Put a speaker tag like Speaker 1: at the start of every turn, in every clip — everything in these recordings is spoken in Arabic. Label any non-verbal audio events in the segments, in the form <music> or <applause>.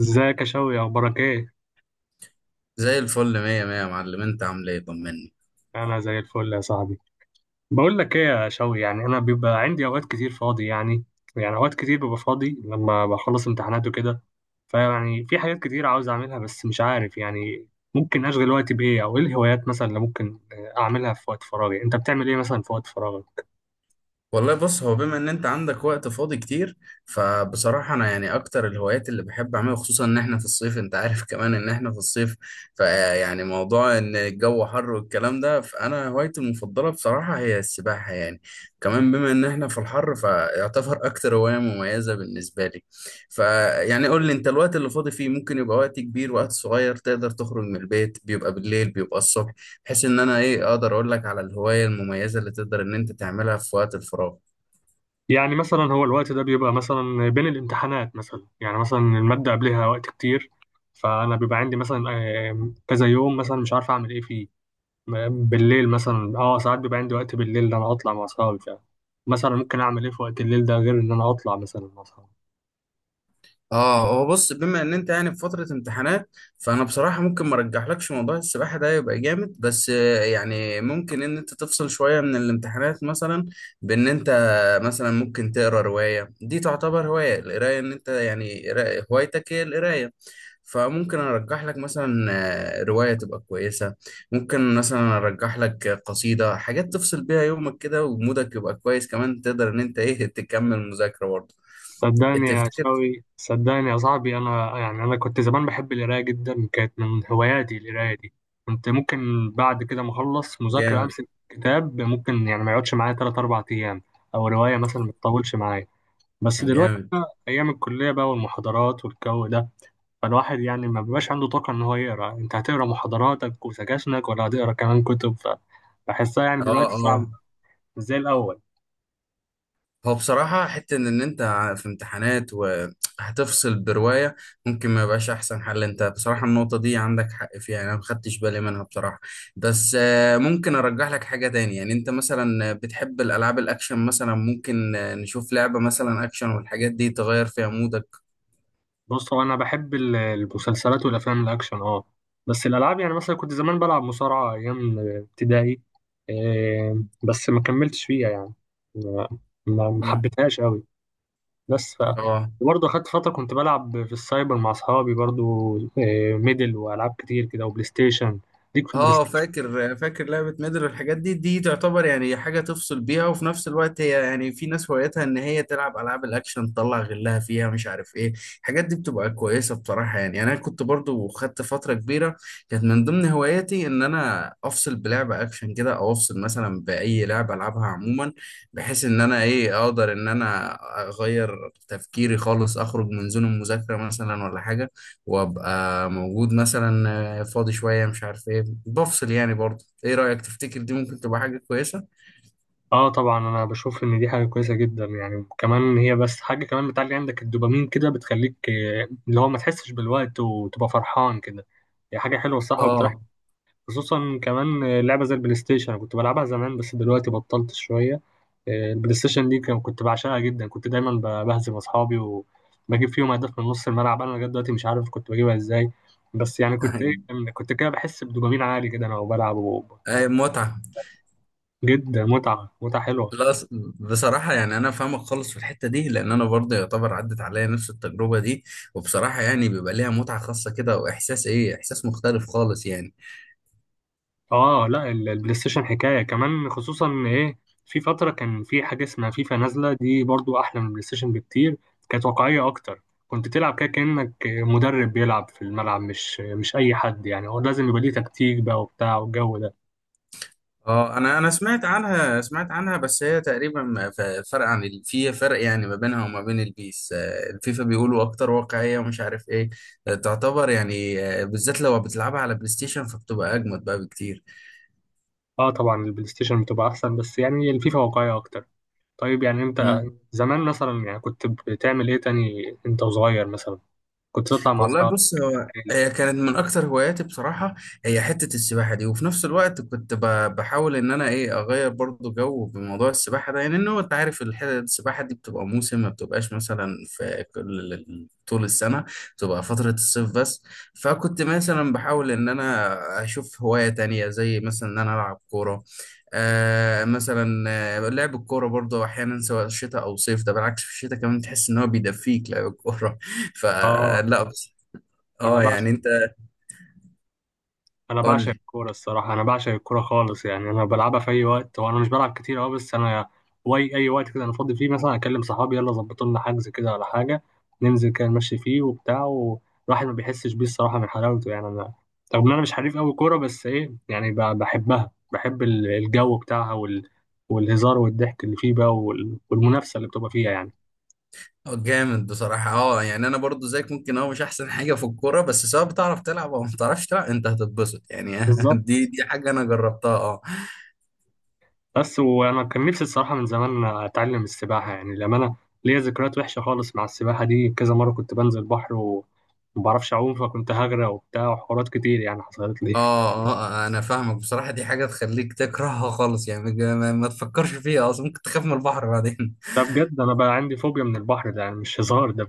Speaker 1: ازيك يا شوقي؟ اخبارك ايه؟
Speaker 2: زي الفل، مية مية يا معلم. انت عامل ايه؟ طمني.
Speaker 1: انا زي الفل يا صاحبي. بقول لك ايه يا شوقي، يعني انا بيبقى عندي اوقات كتير فاضي يعني. يعني اوقات كتير ببقى فاضي لما بخلص امتحانات وكده. فيعني في حاجات كتير عاوز اعملها بس مش عارف يعني. ممكن اشغل وقتي بايه، او ايه الهوايات مثلا اللي ممكن اعملها في وقت فراغي؟ انت بتعمل ايه مثلا في وقت فراغك؟
Speaker 2: والله بص، هو بما ان انت عندك وقت فاضي كتير، فبصراحة انا يعني اكتر الهوايات اللي بحب اعملها خصوصا ان احنا في الصيف، انت عارف <laughs> كمان ان احنا في الصيف. فيعني موضوع ان الجو حر والكلام ده، فانا هوايتي المفضلة بصراحة هي السباحة يعني. كمان بما ان احنا في الحر، فيعتبر اكتر هواية مميزة بالنسبة لي. فيعني قول لي انت، الوقت اللي فاضي فيه ممكن يبقى وقت كبير وقت صغير؟ تقدر تخرج من البيت؟ بيبقى بالليل بيبقى الصبح؟ بحيث ان انا ايه اقدر اقول لك على الهواية المميزة اللي تقدر ان انت تعملها في وقت الفراغ.
Speaker 1: يعني مثلا هو الوقت ده بيبقى مثلا بين الامتحانات مثلا، يعني مثلا المادة قبلها وقت كتير، فانا بيبقى عندي مثلا كذا يوم مثلا مش عارف اعمل ايه فيه. بالليل مثلا اه ساعات بيبقى عندي وقت. بالليل ده انا هطلع مع اصحابي فعلا. مثلا ممكن اعمل ايه في وقت الليل ده غير ان انا اطلع مثلا مع اصحابي؟
Speaker 2: اه، هو بص، بما ان انت يعني في فترة امتحانات، فانا بصراحة ممكن ما ارجحلكش موضوع السباحة ده يبقى جامد. بس يعني ممكن ان انت تفصل شوية من الامتحانات مثلا، بان انت مثلا ممكن تقرا رواية. دي تعتبر هواية القراية، ان انت يعني هوايتك هي القراية. فممكن ارجح لك مثلا رواية تبقى كويسة. ممكن مثلا ارجح لك قصيدة، حاجات تفصل بيها يومك كده ومودك يبقى كويس، كمان تقدر ان انت ايه تكمل مذاكرة برضه.
Speaker 1: صدقني يا
Speaker 2: تفتكر؟
Speaker 1: شوي، صدقني يا صاحبي، انا يعني انا كنت زمان بحب القرايه جدا، كانت من هواياتي القرايه دي. كنت ممكن بعد كده ما اخلص مذاكره
Speaker 2: جامد.
Speaker 1: امسك كتاب ممكن يعني ما يقعدش معايا 3 4 ايام، او روايه مثلا ما تطولش معايا. بس دلوقتي
Speaker 2: جامد.
Speaker 1: ايام الكليه بقى والمحاضرات والجو ده، فالواحد يعني ما بيبقاش عنده طاقة إن هو يقرأ. أنت هتقرأ محاضراتك وسكاشنك ولا هتقرأ كمان كتب؟ فبحسها يعني
Speaker 2: اه،
Speaker 1: دلوقتي صعب،
Speaker 2: اه.
Speaker 1: مش زي الأول.
Speaker 2: هو بصراحة حتة ان انت في امتحانات وهتفصل برواية، ممكن ما يبقاش احسن حل. انت بصراحة النقطة دي عندك حق فيها، انا ما خدتش بالي منها بصراحة. بس ممكن ارجح لك حاجة تاني. يعني انت مثلا بتحب الالعاب الاكشن، مثلا ممكن نشوف لعبة مثلا اكشن والحاجات دي تغير فيها مودك.
Speaker 1: بص هو أنا بحب المسلسلات والأفلام الأكشن أه. بس الألعاب يعني مثلا كنت زمان بلعب مصارعة أيام ابتدائي. إيه، بس ما كملتش فيها يعني. ما ما
Speaker 2: مم.
Speaker 1: حبيتهاش أوي. بس ف،
Speaker 2: اه،
Speaker 1: وبرضه أخدت فترة كنت بلعب في السايبر مع أصحابي برضه. إيه، ميدل وألعاب كتير كده وبلاي ستيشن. ليك في البلاي.
Speaker 2: اه. فاكر، فاكر لعبة ميدل والحاجات دي تعتبر يعني حاجة تفصل بيها، وفي نفس الوقت هي يعني في ناس هوايتها ان هي تلعب العاب الاكشن، تطلع غلها فيها، مش عارف ايه. الحاجات دي بتبقى كويسة بصراحة يعني انا كنت برضو خدت فترة كبيرة، كانت من ضمن هواياتي ان انا افصل بلعبة اكشن كده، او افصل مثلا باي لعبة العبها عموما، بحيث ان انا ايه اقدر ان انا اغير تفكيري خالص، اخرج من زون المذاكرة مثلا ولا حاجة، وابقى موجود مثلا فاضي شويه، مش عارف ايه، بفصل يعني برضه. ايه رايك؟ تفتكر دي ممكن تبقى حاجه كويسه؟
Speaker 1: اه طبعا انا بشوف ان دي حاجه كويسه جدا، يعني كمان هي بس حاجه كمان بتعلي عندك الدوبامين كده، بتخليك اللي هو ما تحسش بالوقت وتبقى فرحان كده. هي حاجه حلوه الصراحه وبتريح.
Speaker 2: اه.
Speaker 1: خصوصا كمان لعبه زي البلاي ستيشن أنا كنت بلعبها زمان بس دلوقتي بطلت شويه. البلاي ستيشن دي كنت بعشقها جدا، كنت دايما بهزم اصحابي وبجيب فيهم اهداف من نص الملعب، انا لغايه دلوقتي مش عارف كنت بجيبها ازاي. بس يعني كنت ايه،
Speaker 2: <laughs>
Speaker 1: كنت كده بحس بدوبامين عالي كده انا وبلعب و-
Speaker 2: أي متعه!
Speaker 1: جدا، متعه، متعه حلوه.
Speaker 2: لا، بصراحه يعني انا فاهمك خالص في الحته دي، لان انا برضه يعتبر عدت عليا نفس التجربه دي. وبصراحه يعني بيبقى ليها متعه خاصه كده، واحساس ايه، احساس مختلف خالص يعني.
Speaker 1: اه لا، البلاي ستيشن حكايه كمان خصوصا إن ايه، في فتره كان في حاجه اسمها فيفا نازله دي برضو احلى من البلاي ستيشن بكتير. كانت واقعيه اكتر، كنت تلعب كده كانك مدرب بيلعب في الملعب، مش اي حد يعني. هو لازم يبقى ليه تكتيك بقى وبتاع والجو ده.
Speaker 2: اه، انا سمعت عنها، سمعت عنها. بس هي تقريبا فرق عن في فرق يعني ما بينها وما بين البيس. الفيفا بيقولوا اكتر واقعية، ومش عارف ايه. تعتبر يعني بالذات لو بتلعبها على بلاي ستيشن، فبتبقى اجمد بقى بكتير.
Speaker 1: اه طبعا البلاي ستيشن بتبقى احسن، بس يعني الفيفا واقعيه اكتر. طيب يعني انت زمان مثلا يعني كنت بتعمل ايه تاني انت وصغير مثلا؟ كنت تطلع مع
Speaker 2: والله
Speaker 1: اصحابك؟
Speaker 2: بص، هو
Speaker 1: يعني
Speaker 2: هي كانت من اكتر هواياتي بصراحه، هي حته السباحه دي. وفي نفس الوقت كنت بحاول ان انا ايه اغير برضو جو بموضوع السباحه ده، يعني انه انت عارف السباحه دي بتبقى موسم، ما بتبقاش مثلا في كل طول السنه، بتبقى فتره الصيف بس. فكنت مثلا بحاول ان انا اشوف هوايه تانية، زي مثلا ان انا العب كوره. آه مثلا لعب الكوره برضو احيانا سواء شتاء او صيف، ده بالعكس في الشتاء كمان تحس ان هو بيدفيك لعب الكوره. <laughs>
Speaker 1: اه
Speaker 2: فلا.
Speaker 1: انا
Speaker 2: اه
Speaker 1: بعشق
Speaker 2: يعني انت،
Speaker 1: انا
Speaker 2: قول
Speaker 1: بعشق
Speaker 2: لي.
Speaker 1: الكوره الصراحه، انا بعشق الكوره خالص يعني. انا بلعبها في اي وقت، وانا مش بلعب كتير اه، بس انا اي وقت كده انا فاضي فيه مثلا اكلم صحابي يلا ظبطوا لنا حجز كده ولا حاجه، ننزل كده نمشي فيه وبتاع، والواحد ما بيحسش بيه الصراحه من حلاوته يعني. انا رغم ان انا مش حريف قوي كوره بس ايه، يعني بحبها، بحب الجو بتاعها وال... والهزار والضحك اللي فيه بقى وال... والمنافسه اللي بتبقى فيها
Speaker 2: اه، جامد بصراحة. اه يعني انا برضو زيك ممكن، اه مش احسن حاجة في الكورة، بس سواء بتعرف تلعب او ما بتعرفش تلعب انت هتتبسط يعني. <laughs>
Speaker 1: يعني.
Speaker 2: دي حاجة انا جربتها، اه.
Speaker 1: بس وانا كان نفسي الصراحه من زمان اتعلم السباحه، يعني لما انا ليا ذكريات وحشه خالص مع السباحه دي، كذا مره كنت بنزل بحر و- وما بعرفش اعوم، فكنت هغرق وبتاع وحوارات كتير يعني حصلت لي.
Speaker 2: اه، اه، انا فاهمك بصراحة. دي حاجة تخليك تكرهها خالص يعني، ما تفكرش فيها اصلا، ممكن تخاف من البحر بعدين.
Speaker 1: ده بجد، انا بقى عندي فوبيا من البحر ده، يعني مش هزار ده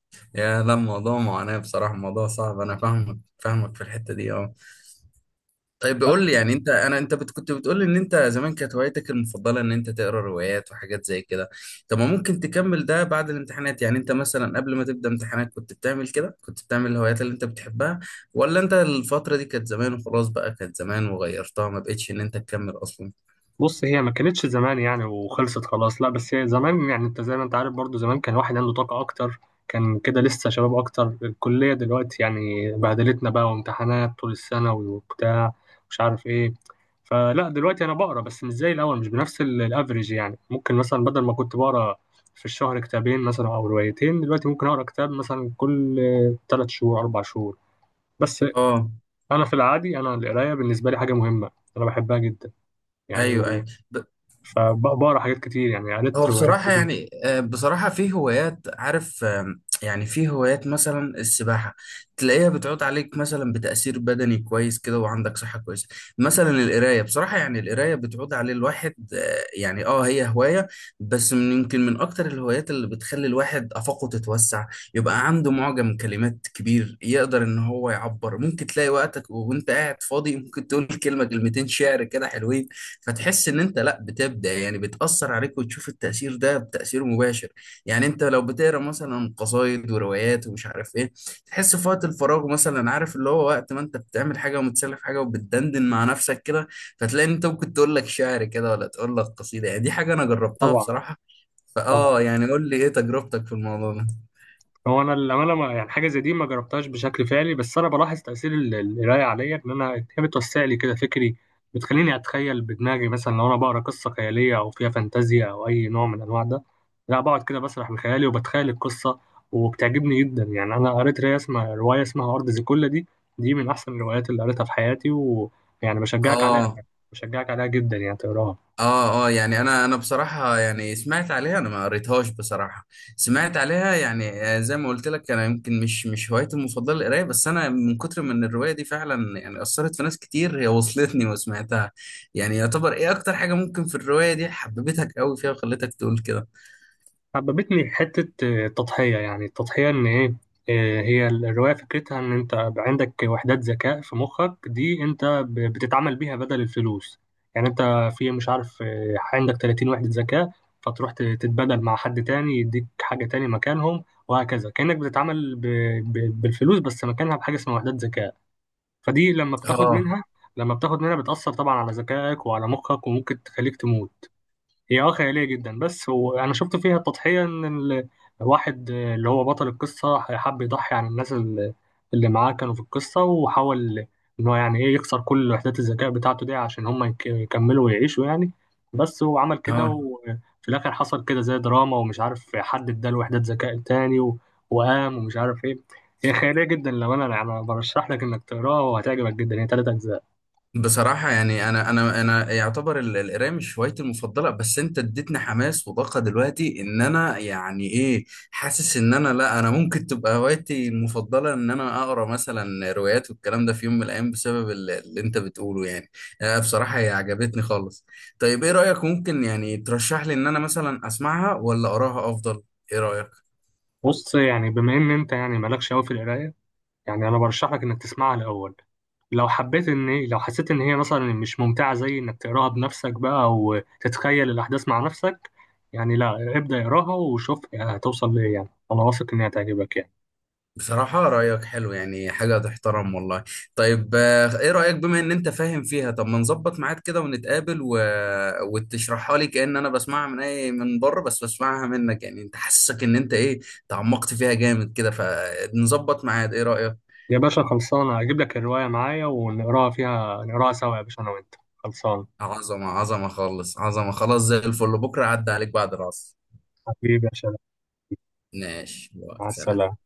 Speaker 2: <laughs> يا لا، الموضوع معاناة بصراحة، الموضوع صعب. انا فاهمك، فاهمك في الحتة دي، اه. طيب، بقول لي يعني.
Speaker 1: بجد.
Speaker 2: انت انا انت بت- كنت بتقول لي ان انت زمان كانت هوايتك المفضله ان انت تقرا روايات وحاجات زي كده. طب ما ممكن تكمل ده بعد الامتحانات؟ يعني انت مثلا قبل ما تبدا امتحانات كنت بتعمل كده، كنت بتعمل الهوايات اللي انت بتحبها؟ ولا انت الفتره دي كانت زمان وخلاص بقى، كانت زمان وغيرتها ما بقتش ان انت تكمل اصلا؟
Speaker 1: بص هي ما كانتش زمان يعني وخلصت خلاص لا، بس هي زمان يعني انت زي ما انت عارف برضو، زمان كان واحد عنده طاقة اكتر، كان كده لسه شباب اكتر. الكلية دلوقتي يعني بهدلتنا بقى، وامتحانات طول السنة وبتاع، مش عارف ايه. فلا دلوقتي انا بقرا بس مش زي الاول، مش بنفس الافريج. يعني ممكن مثلا بدل ما كنت بقرا في الشهر كتابين مثلا او روايتين، دلوقتي ممكن اقرا كتاب مثلا كل ثلاث شهور، اربع شهور. بس
Speaker 2: اه،
Speaker 1: انا في العادي انا القرايه بالنسبه لي حاجه مهمه، انا بحبها جدا يعني.
Speaker 2: ايوه، ايوه.
Speaker 1: فبقرا حاجات كتير، يعني
Speaker 2: هو
Speaker 1: قريت روايات
Speaker 2: بصراحة
Speaker 1: كتير.
Speaker 2: يعني بصراحة في هوايات، عارف، يعني في هوايات مثلا السباحة تلاقيها بتعود عليك مثلا بتأثير بدني كويس كده، وعندك صحة كويسة. مثلا القراية بصراحة، يعني القراية بتعود عليه الواحد يعني اه هي هواية، بس من يمكن من أكتر الهوايات اللي بتخلي الواحد آفاقه تتوسع، يبقى عنده معجم كلمات كبير يقدر إن هو يعبر. ممكن تلاقي وقتك وأنت قاعد فاضي، ممكن تقول كلمة كلمتين شعر كده حلوين، فتحس ان انت، لا، بتبدا يعني بتاثر عليك وتشوف التاثير ده، بتاثير مباشر. يعني انت لو بتقرا مثلا قصايد وروايات ومش عارف ايه، تحس في وقت الفراغ مثلا. عارف اللي هو وقت ما انت بتعمل حاجه ومتسلى في حاجه وبتدندن مع نفسك كده، فتلاقي ان انت ممكن تقول لك شعر كده ولا تقول لك قصيده يعني. دي حاجه انا جربتها
Speaker 1: طبعا.
Speaker 2: بصراحه.
Speaker 1: طبعا.
Speaker 2: فاه يعني، قول لي ايه تجربتك في الموضوع ده؟
Speaker 1: هو انا الامانه ما يعني حاجه زي دي ما جربتهاش بشكل فعلي، بس انا بلاحظ تاثير القرايه عليا، ان انا هي بتوسع لي كده فكري، بتخليني اتخيل بدماغي. مثلا لو انا بقرا قصه خياليه او فيها فانتازيا او اي نوع من انواع ده، لا بقعد كده بسرح بخيالي وبتخيل القصه وبتعجبني جدا. يعني انا قريت روايه اسمها ارض زيكولا دي. دي من احسن الروايات اللي قريتها في حياتي، ويعني بشجعك عليها،
Speaker 2: اه،
Speaker 1: بشجعك عليها جدا يعني تقراها.
Speaker 2: اه، اه. يعني انا بصراحه يعني سمعت عليها، انا ما قريتهاش بصراحه. سمعت عليها يعني زي ما قلت لك انا يمكن مش هوايتي المفضله القرايه. بس انا من كتر من الروايه دي، فعلا يعني اثرت في ناس كتير، هي وصلتني <laughs> وسمعتها. يعني يعتبر ايه اكتر حاجه ممكن في الروايه دي حببتك قوي فيها وخلتك تقول كده؟
Speaker 1: حببتني حتة التضحية. يعني التضحية إن إيه، هي الرواية فكرتها إن أنت بقى عندك وحدات ذكاء في مخك دي، أنت بتتعامل بيها بدل الفلوس. يعني أنت في مش عارف عندك 30 وحدة ذكاء، فتروح تتبادل مع حد تاني يديك حاجة تاني مكانهم، وهكذا كأنك بتتعامل بالفلوس بس مكانها بحاجة اسمها وحدات ذكاء. فدي لما بتاخد
Speaker 2: اه،
Speaker 1: منها، لما بتاخد منها بتأثر طبعا على ذكائك وعلى مخك وممكن تخليك تموت. هي اه خيالية جدا بس هو أنا شفت فيها تضحية، إن الواحد اللي هو بطل القصة حب يضحي عن الناس اللي معاه كانوا في القصة، وحاول إن هو يعني إيه يخسر كل وحدات الذكاء بتاعته دي عشان هما يكملوا ويعيشوا يعني. بس هو عمل كده،
Speaker 2: اه،
Speaker 1: وفي الآخر حصل كده زي دراما ومش عارف، حد اداله وحدات ذكاء تاني و- وقام ومش عارف إيه. هي خيالية جدا، لو أنا يعني برشح لك إنك تقراها وهتعجبك جدا. هي تلات أجزاء.
Speaker 2: بصراحة يعني أنا يعتبر القراية مش هوايتي المفضلة، بس أنت اديتني حماس وطاقة دلوقتي إن أنا يعني إيه، حاسس إن أنا، لا، أنا ممكن تبقى هوايتي المفضلة إن أنا أقرأ مثلا روايات والكلام ده في يوم من الأيام، بسبب اللي أنت بتقوله يعني. بصراحة هي عجبتني خالص. طيب إيه رأيك، ممكن يعني ترشح لي إن أنا مثلا أسمعها ولا أقراها أفضل؟ إيه رأيك؟
Speaker 1: بص يعني بما إن أنت يعني مالكش أوي في القراية، يعني انا برشح لك انك تسمعها الاول، لو حبيت ان لو حسيت ان هي مثلا مش ممتعه زي انك تقراها بنفسك بقى وتتخيل الاحداث مع نفسك يعني، لا ابدا، اقراها وشوف هتوصل لايه. يعني انا واثق انها هتعجبك يعني.
Speaker 2: بصراحة رأيك حلو، يعني حاجة تحترم والله. طيب ايه رأيك؟ بما ان انت فاهم فيها، طب ما نظبط ميعاد كده ونتقابل وتشرحها لي كأن انا بسمعها من اي من بره، بس بسمعها منك. يعني انت حاسسك ان انت ايه تعمقت فيها جامد كده، فنظبط ميعاد، ايه رأيك؟
Speaker 1: يا باشا خلصانه، اجيب لك الروايه معايا ونقراها فيها، نقراها سوا يا باشا، انا وانت خلصان.
Speaker 2: عظمة، عظمة خالص، عظمة. خلاص، زي الفل. بكرة عدى عليك بعد العصر.
Speaker 1: حبيبي يا شباب.
Speaker 2: ماشي.
Speaker 1: مع
Speaker 2: سلام.
Speaker 1: السلامه.